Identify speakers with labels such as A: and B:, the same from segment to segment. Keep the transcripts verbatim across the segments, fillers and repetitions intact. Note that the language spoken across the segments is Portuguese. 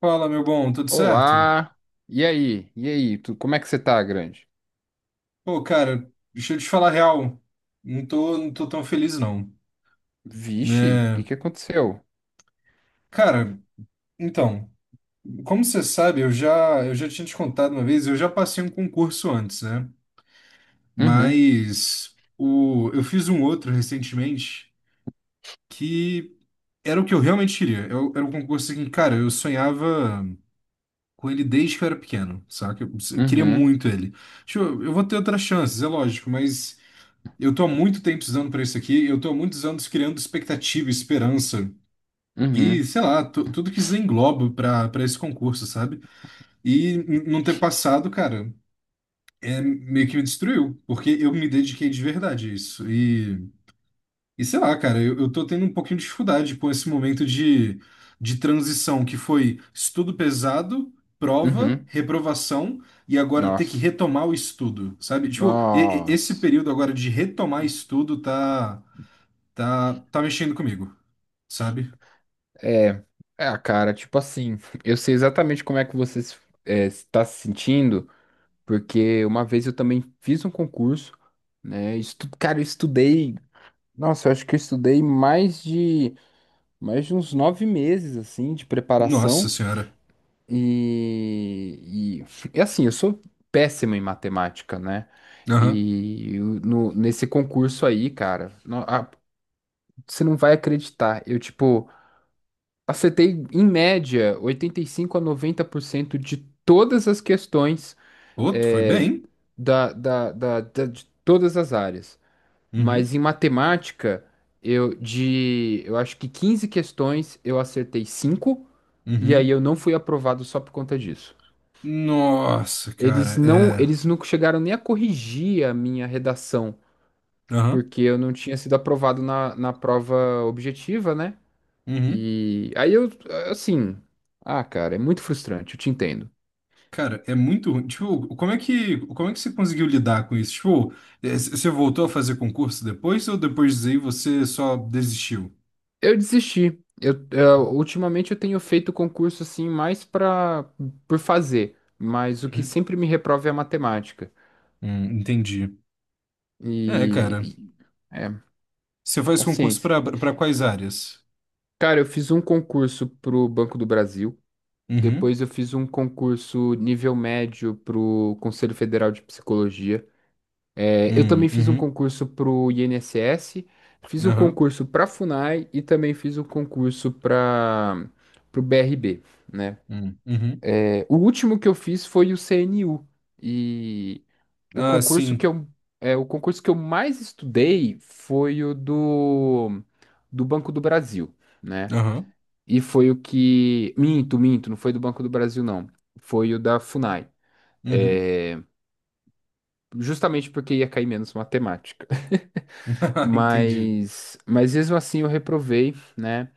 A: Fala, meu bom, tudo certo?
B: Olá! E aí? E aí? Tu, como é que você tá, grande?
A: Pô, cara, deixa eu te falar a real. Não tô, não tô tão feliz, não.
B: Vixe, o que
A: Né?
B: que aconteceu?
A: Cara, então, como você sabe, eu já, eu já tinha te contado uma vez, eu já passei um concurso antes, né?
B: Uhum,
A: Mas o, eu fiz um outro recentemente que era o que eu realmente queria. Eu, era um concurso que, cara, eu sonhava com ele desde que eu era pequeno, saca? Eu queria
B: uhum,
A: muito ele. Tipo, eu vou ter outras chances, é lógico, mas. Eu tô há muito tempo precisando para isso aqui, eu tô há muitos anos criando expectativa, esperança e,
B: uhum,
A: sei lá, tu- tudo que isso engloba para para esse concurso, sabe? E n- não ter passado, cara, é meio que me destruiu, porque eu me dediquei de verdade a isso. E, e sei lá, cara, eu, eu tô tendo um pouquinho de dificuldade com esse momento de, de transição que foi estudo pesado, prova,
B: uhum.
A: reprovação e agora ter que
B: Nossa,
A: retomar o estudo, sabe? Tipo, e- e- esse
B: nossa.
A: período agora de retomar estudo tá. Tá, tá mexendo comigo, sabe?
B: É, é, cara, tipo assim, eu sei exatamente como é que você se- é, está se sentindo, porque uma vez eu também fiz um concurso, né? Estu, cara, eu estudei, nossa, eu acho que eu estudei mais de, mais de uns nove meses, assim, de
A: Nossa
B: preparação.
A: senhora.
B: E, e, e assim, eu sou péssimo em matemática, né?
A: Aham.
B: E eu- no, Nesse concurso aí, cara, não- a- você não vai acreditar. Eu, tipo, acertei em média oitenta e cinco a noventa por cento de todas as questões
A: Outro, foi
B: é,
A: bem.
B: da, da, da, da- de todas as áreas. Mas
A: Uhum.
B: em matemática, eu de, eu acho que quinze questões eu acertei cinco, e aí
A: Uhum.
B: eu não fui aprovado só por conta disso.
A: Nossa, cara,
B: Eles não,
A: é.
B: eles não chegaram nem a corrigir a minha redação,
A: Aham.
B: porque eu não tinha sido aprovado na, na prova objetiva, né?
A: Uhum.
B: E aí eu, assim, ah, cara, é muito frustrante, eu te entendo.
A: Cara, é muito ruim. Tipo, como é que, como é que você conseguiu lidar com isso? Tipo, é, c- você voltou a fazer concurso depois ou depois disso aí você só desistiu?
B: Eu desisti. Eu, eu- ultimamente eu tenho feito concurso assim mais para por fazer, mas o que
A: Uhum.
B: sempre me reprova é a matemática.
A: Hum, entendi. É,
B: E,
A: cara.
B: e- é,
A: Você faz concurso
B: Paciência.
A: pra, para quais áreas?
B: Cara, eu fiz um concurso pro Banco do Brasil.
A: Uhum.
B: Depois eu fiz um concurso nível médio pro Conselho Federal de Psicologia. É, eu
A: Hum,
B: também fiz um
A: uhum.
B: concurso pro INSS, fiz um
A: Aham.
B: concurso pra FUNAI e também fiz um concurso para pro B R B, né?
A: Hum, uhum.
B: É, o último que eu fiz foi o C N U e o
A: Ah,
B: concurso que
A: sim.
B: eu é, o concurso que eu mais estudei foi o do do Banco do Brasil, né?
A: Aham.
B: E foi o que. Minto, minto, não foi do Banco do Brasil, não. Foi o da Funai.
A: Uhum.
B: É, justamente porque ia cair menos matemática.
A: Entendi.
B: Mas, mas mesmo assim eu reprovei, né?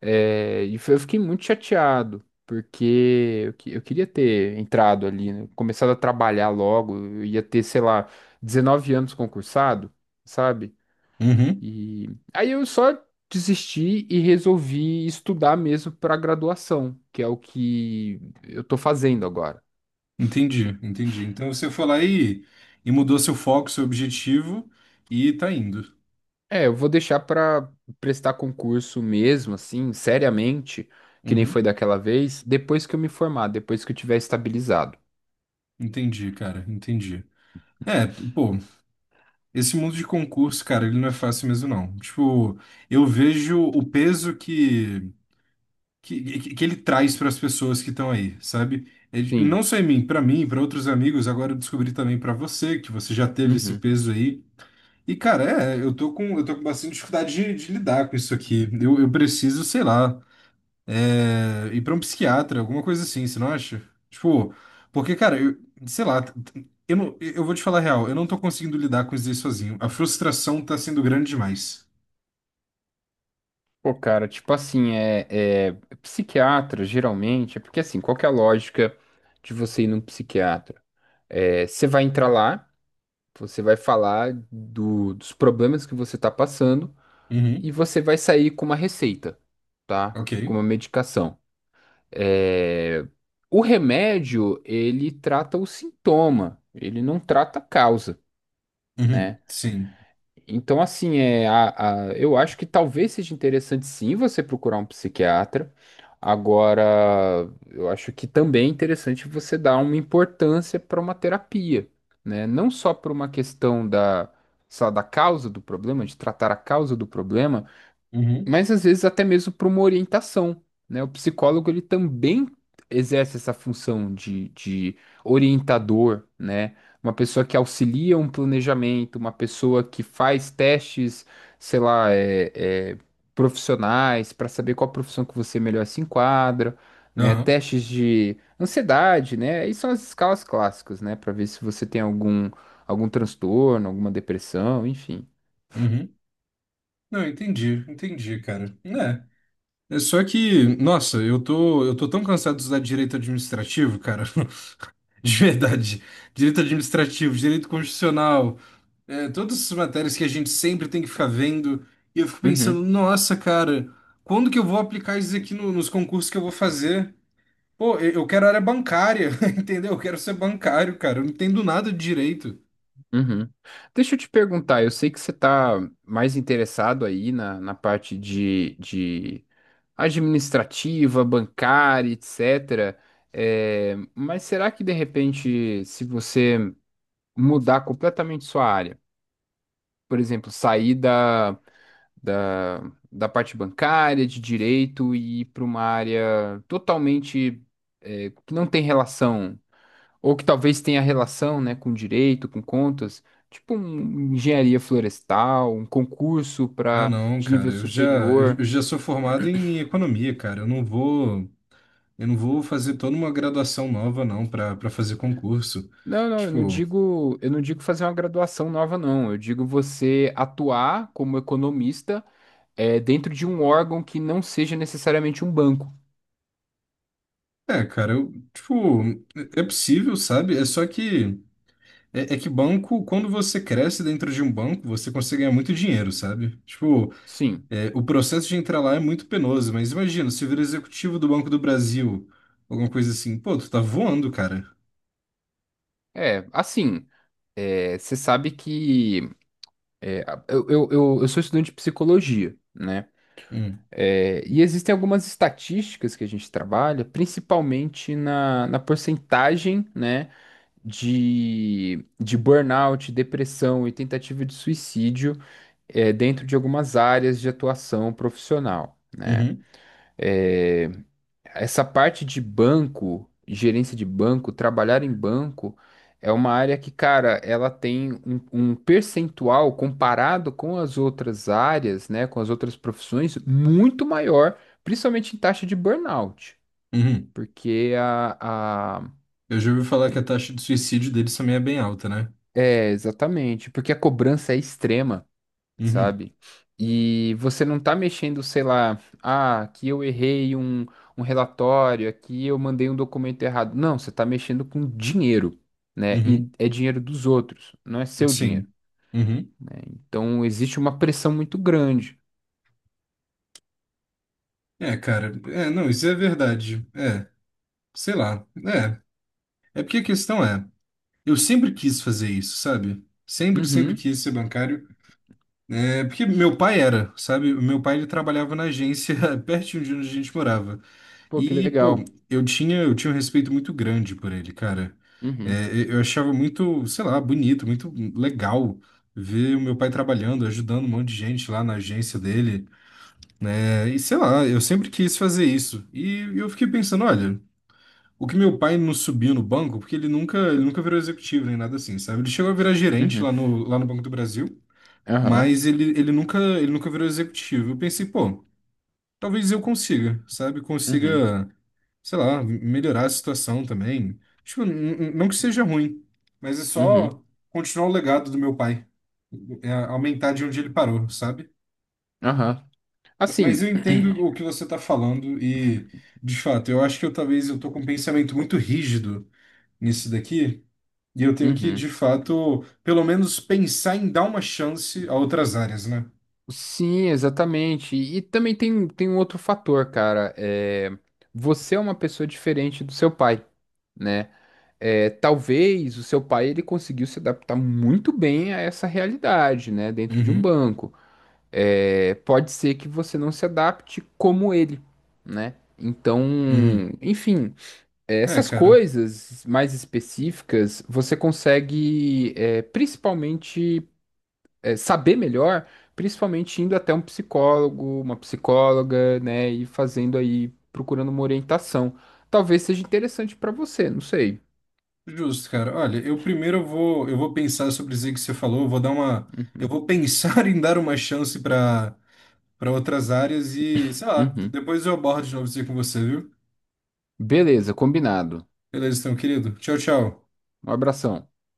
B: É. E foi- eu fiquei muito chateado, porque eu, que- eu queria ter entrado ali, né? Começado a trabalhar logo. Eu ia ter, sei lá, dezenove anos concursado, sabe?
A: Uhum.
B: E aí eu só desisti e resolvi estudar mesmo para graduação, que é o que eu tô fazendo agora.
A: Entendi, entendi. Então você foi lá e, e mudou seu foco, seu objetivo e tá indo.
B: É, eu vou deixar para prestar concurso mesmo, assim, seriamente, que nem
A: Uhum.
B: foi daquela vez, depois que eu me formar, depois que eu tiver estabilizado.
A: Entendi, cara, entendi. É, pô, esse mundo de concurso, cara, ele não é fácil mesmo, não. Tipo, eu vejo o peso que, que, que que ele traz para as pessoas que estão aí, sabe? Ele- não
B: Sim.
A: só em mim, para mim, para outros amigos, agora eu descobri também para você, que você já teve esse
B: Uhum.
A: peso aí. E, cara, é, eu tô com, eu tô com bastante dificuldade de, de lidar com isso aqui. Eu, eu preciso, sei lá, é, ir pra um psiquiatra, alguma coisa assim, você não acha? Tipo, porque, cara, eu, sei lá, t- t- eu, não, eu vou te falar a real, eu não tô conseguindo lidar com isso aí sozinho. A frustração tá sendo grande demais.
B: Pô, cara, tipo assim, é, é psiquiatra, geralmente, é porque assim, qual que é a lógica de você ir num psiquiatra? É, você vai entrar lá. Você vai falar do- dos problemas que você está passando,
A: Uhum,
B: e você vai sair com uma receita, tá?
A: ok.
B: Com uma medicação. É, o remédio, ele trata o sintoma, ele não trata a causa,
A: Uhum,
B: né?
A: sim.
B: Então, assim, é, a, a- eu acho que talvez seja interessante sim você procurar um psiquiatra. Agora, eu acho que também é interessante você dar uma importância para uma terapia, né? Não só por uma questão da, sei da causa do problema, de tratar a causa do problema,
A: Uhum,
B: mas às vezes até mesmo para uma orientação, né? O psicólogo ele também exerce essa função de, de orientador, né? Uma pessoa que auxilia um planejamento, uma pessoa que faz testes, sei lá, é, é, profissionais para saber qual profissão que você melhor se enquadra, né?
A: aham,
B: Testes de ansiedade, né? Aí são as escalas clássicas, né? Para ver se você tem algum algum transtorno, alguma depressão, enfim.
A: uhum. Não, entendi, entendi, cara. É. É só que, nossa, eu tô, eu tô tão cansado de usar direito administrativo, cara. De verdade. Direito administrativo, direito constitucional, é, todas essas matérias que a gente sempre tem que ficar vendo. E eu fico pensando,
B: Uhum.
A: nossa, cara, quando que eu vou aplicar isso aqui no- nos concursos que eu vou fazer? Pô, eu eu quero área bancária, entendeu? Eu quero ser bancário, cara. Eu não entendo nada de direito.
B: Uhum. Deixa eu te perguntar, eu sei que você está mais interessado aí na, na parte de, de administrativa, bancária, etcétera. É, mas será que de repente, se você mudar completamente sua área, por exemplo, sair da, da, da parte bancária, de direito e ir para uma área totalmente, é, que não tem relação. Ou que talvez tenha relação, né, com direito, com contas, tipo um engenharia florestal, um concurso
A: Ah,
B: para
A: não,
B: de
A: cara,
B: nível
A: eu já, eu
B: superior.
A: eu já sou formado em economia, cara. Eu não vou, eu não vou fazer toda uma graduação nova, não, para para fazer concurso.
B: Não, não, eu não
A: Tipo,
B: digo, eu não digo fazer uma graduação nova, não. Eu digo você atuar como economista, é, dentro de um órgão que não seja necessariamente um banco.
A: é, cara, eu, tipo, é é possível, sabe? É só que é, é que banco, quando você cresce dentro de um banco, você consegue ganhar muito dinheiro, sabe? Tipo,
B: Sim,
A: é, o processo de entrar lá é muito penoso, mas imagina, se vira executivo do Banco do Brasil, alguma coisa assim, pô, tu tá voando, cara.
B: é, assim, é, você sabe que é, eu, eu, eu eu sou estudante de psicologia, né?
A: Hum,
B: É, e existem algumas estatísticas que a gente trabalha, principalmente na, na porcentagem, né, de, de burnout, depressão e tentativa de suicídio, é, dentro de algumas áreas de atuação profissional, né?
A: uhum,
B: É, essa parte de banco, gerência de banco, trabalhar em banco, é uma área que, cara, ela tem um, um percentual comparado com as outras áreas, né, com as outras profissões, muito maior, principalmente em taxa de burnout.
A: uhum.
B: porque a, a...
A: Eu já ouvi falar que a taxa de suicídio deles também é bem alta, né?
B: É, exatamente, porque a cobrança é extrema.
A: Uhum,
B: Sabe? E você não tá mexendo, sei lá, ah, aqui eu errei um, um relatório, aqui eu mandei um documento errado. Não, você tá mexendo com dinheiro, né?
A: uhum,
B: E é dinheiro dos outros, não é seu dinheiro,
A: sim. Uhum.
B: né? Então existe uma pressão muito grande.
A: É, cara, é, não, isso é verdade. É, sei lá. É. É porque a questão é. Eu sempre quis fazer isso, sabe? Sempre, sempre
B: Uhum.
A: quis ser bancário. É, porque meu pai era, sabe? O meu pai ele trabalhava na agência pertinho de onde a gente morava.
B: Pô, que
A: E, pô,
B: legal.
A: eu tinha, eu tinha um respeito muito grande por ele, cara.
B: Uhum.
A: É, eu eu achava muito, sei lá, bonito, muito legal ver o meu pai trabalhando, ajudando um monte de gente lá na agência dele, né? E sei lá, eu sempre quis fazer isso. E eu fiquei pensando, olha. O que meu pai não subiu no banco, porque ele nunca, ele nunca virou executivo nem nada assim, sabe? Ele chegou a virar gerente
B: Uhum.
A: lá no, lá no Banco do Brasil,
B: Aham.
A: mas ele, ele nunca, ele nunca virou executivo. Eu pensei, pô, talvez eu consiga, sabe?
B: Uhum.
A: Consiga, sei lá, melhorar a situação também. Tipo, n- n- não que seja ruim, mas é
B: Uhum.
A: só continuar o legado do meu pai, é aumentar de onde ele parou, sabe?
B: Aham.
A: Mas eu
B: Assim.
A: entendo o que você tá falando e, de fato, eu acho que eu talvez eu tô com um pensamento muito rígido nisso daqui. E eu tenho que,
B: Uhum.
A: de fato, pelo menos pensar em dar uma chance a outras áreas, né?
B: Sim, exatamente. E também tem, tem um outro fator, cara. É, você é uma pessoa diferente do seu pai, né? É, talvez o seu pai ele conseguiu se adaptar muito bem a essa realidade, né? Dentro de um
A: Uhum,
B: banco. É, pode ser que você não se adapte como ele, né? Então,
A: uhum.
B: enfim, é,
A: É,
B: essas
A: cara,
B: coisas mais específicas você consegue, é, principalmente, é, saber melhor, principalmente indo até um psicólogo, uma psicóloga, né, e fazendo aí, procurando uma orientação. Talvez seja interessante para você, não sei.
A: justo, cara. Olha, eu primeiro eu vou, eu vou pensar sobre isso aí que você falou, eu vou dar uma,
B: Uhum.
A: eu vou pensar em dar uma chance para para outras áreas e, sei lá, d-
B: Uhum.
A: depois eu abordo de novo isso aí com você, viu?
B: Beleza, combinado.
A: Beleza, então, querido. Tchau, tchau.
B: Um abração.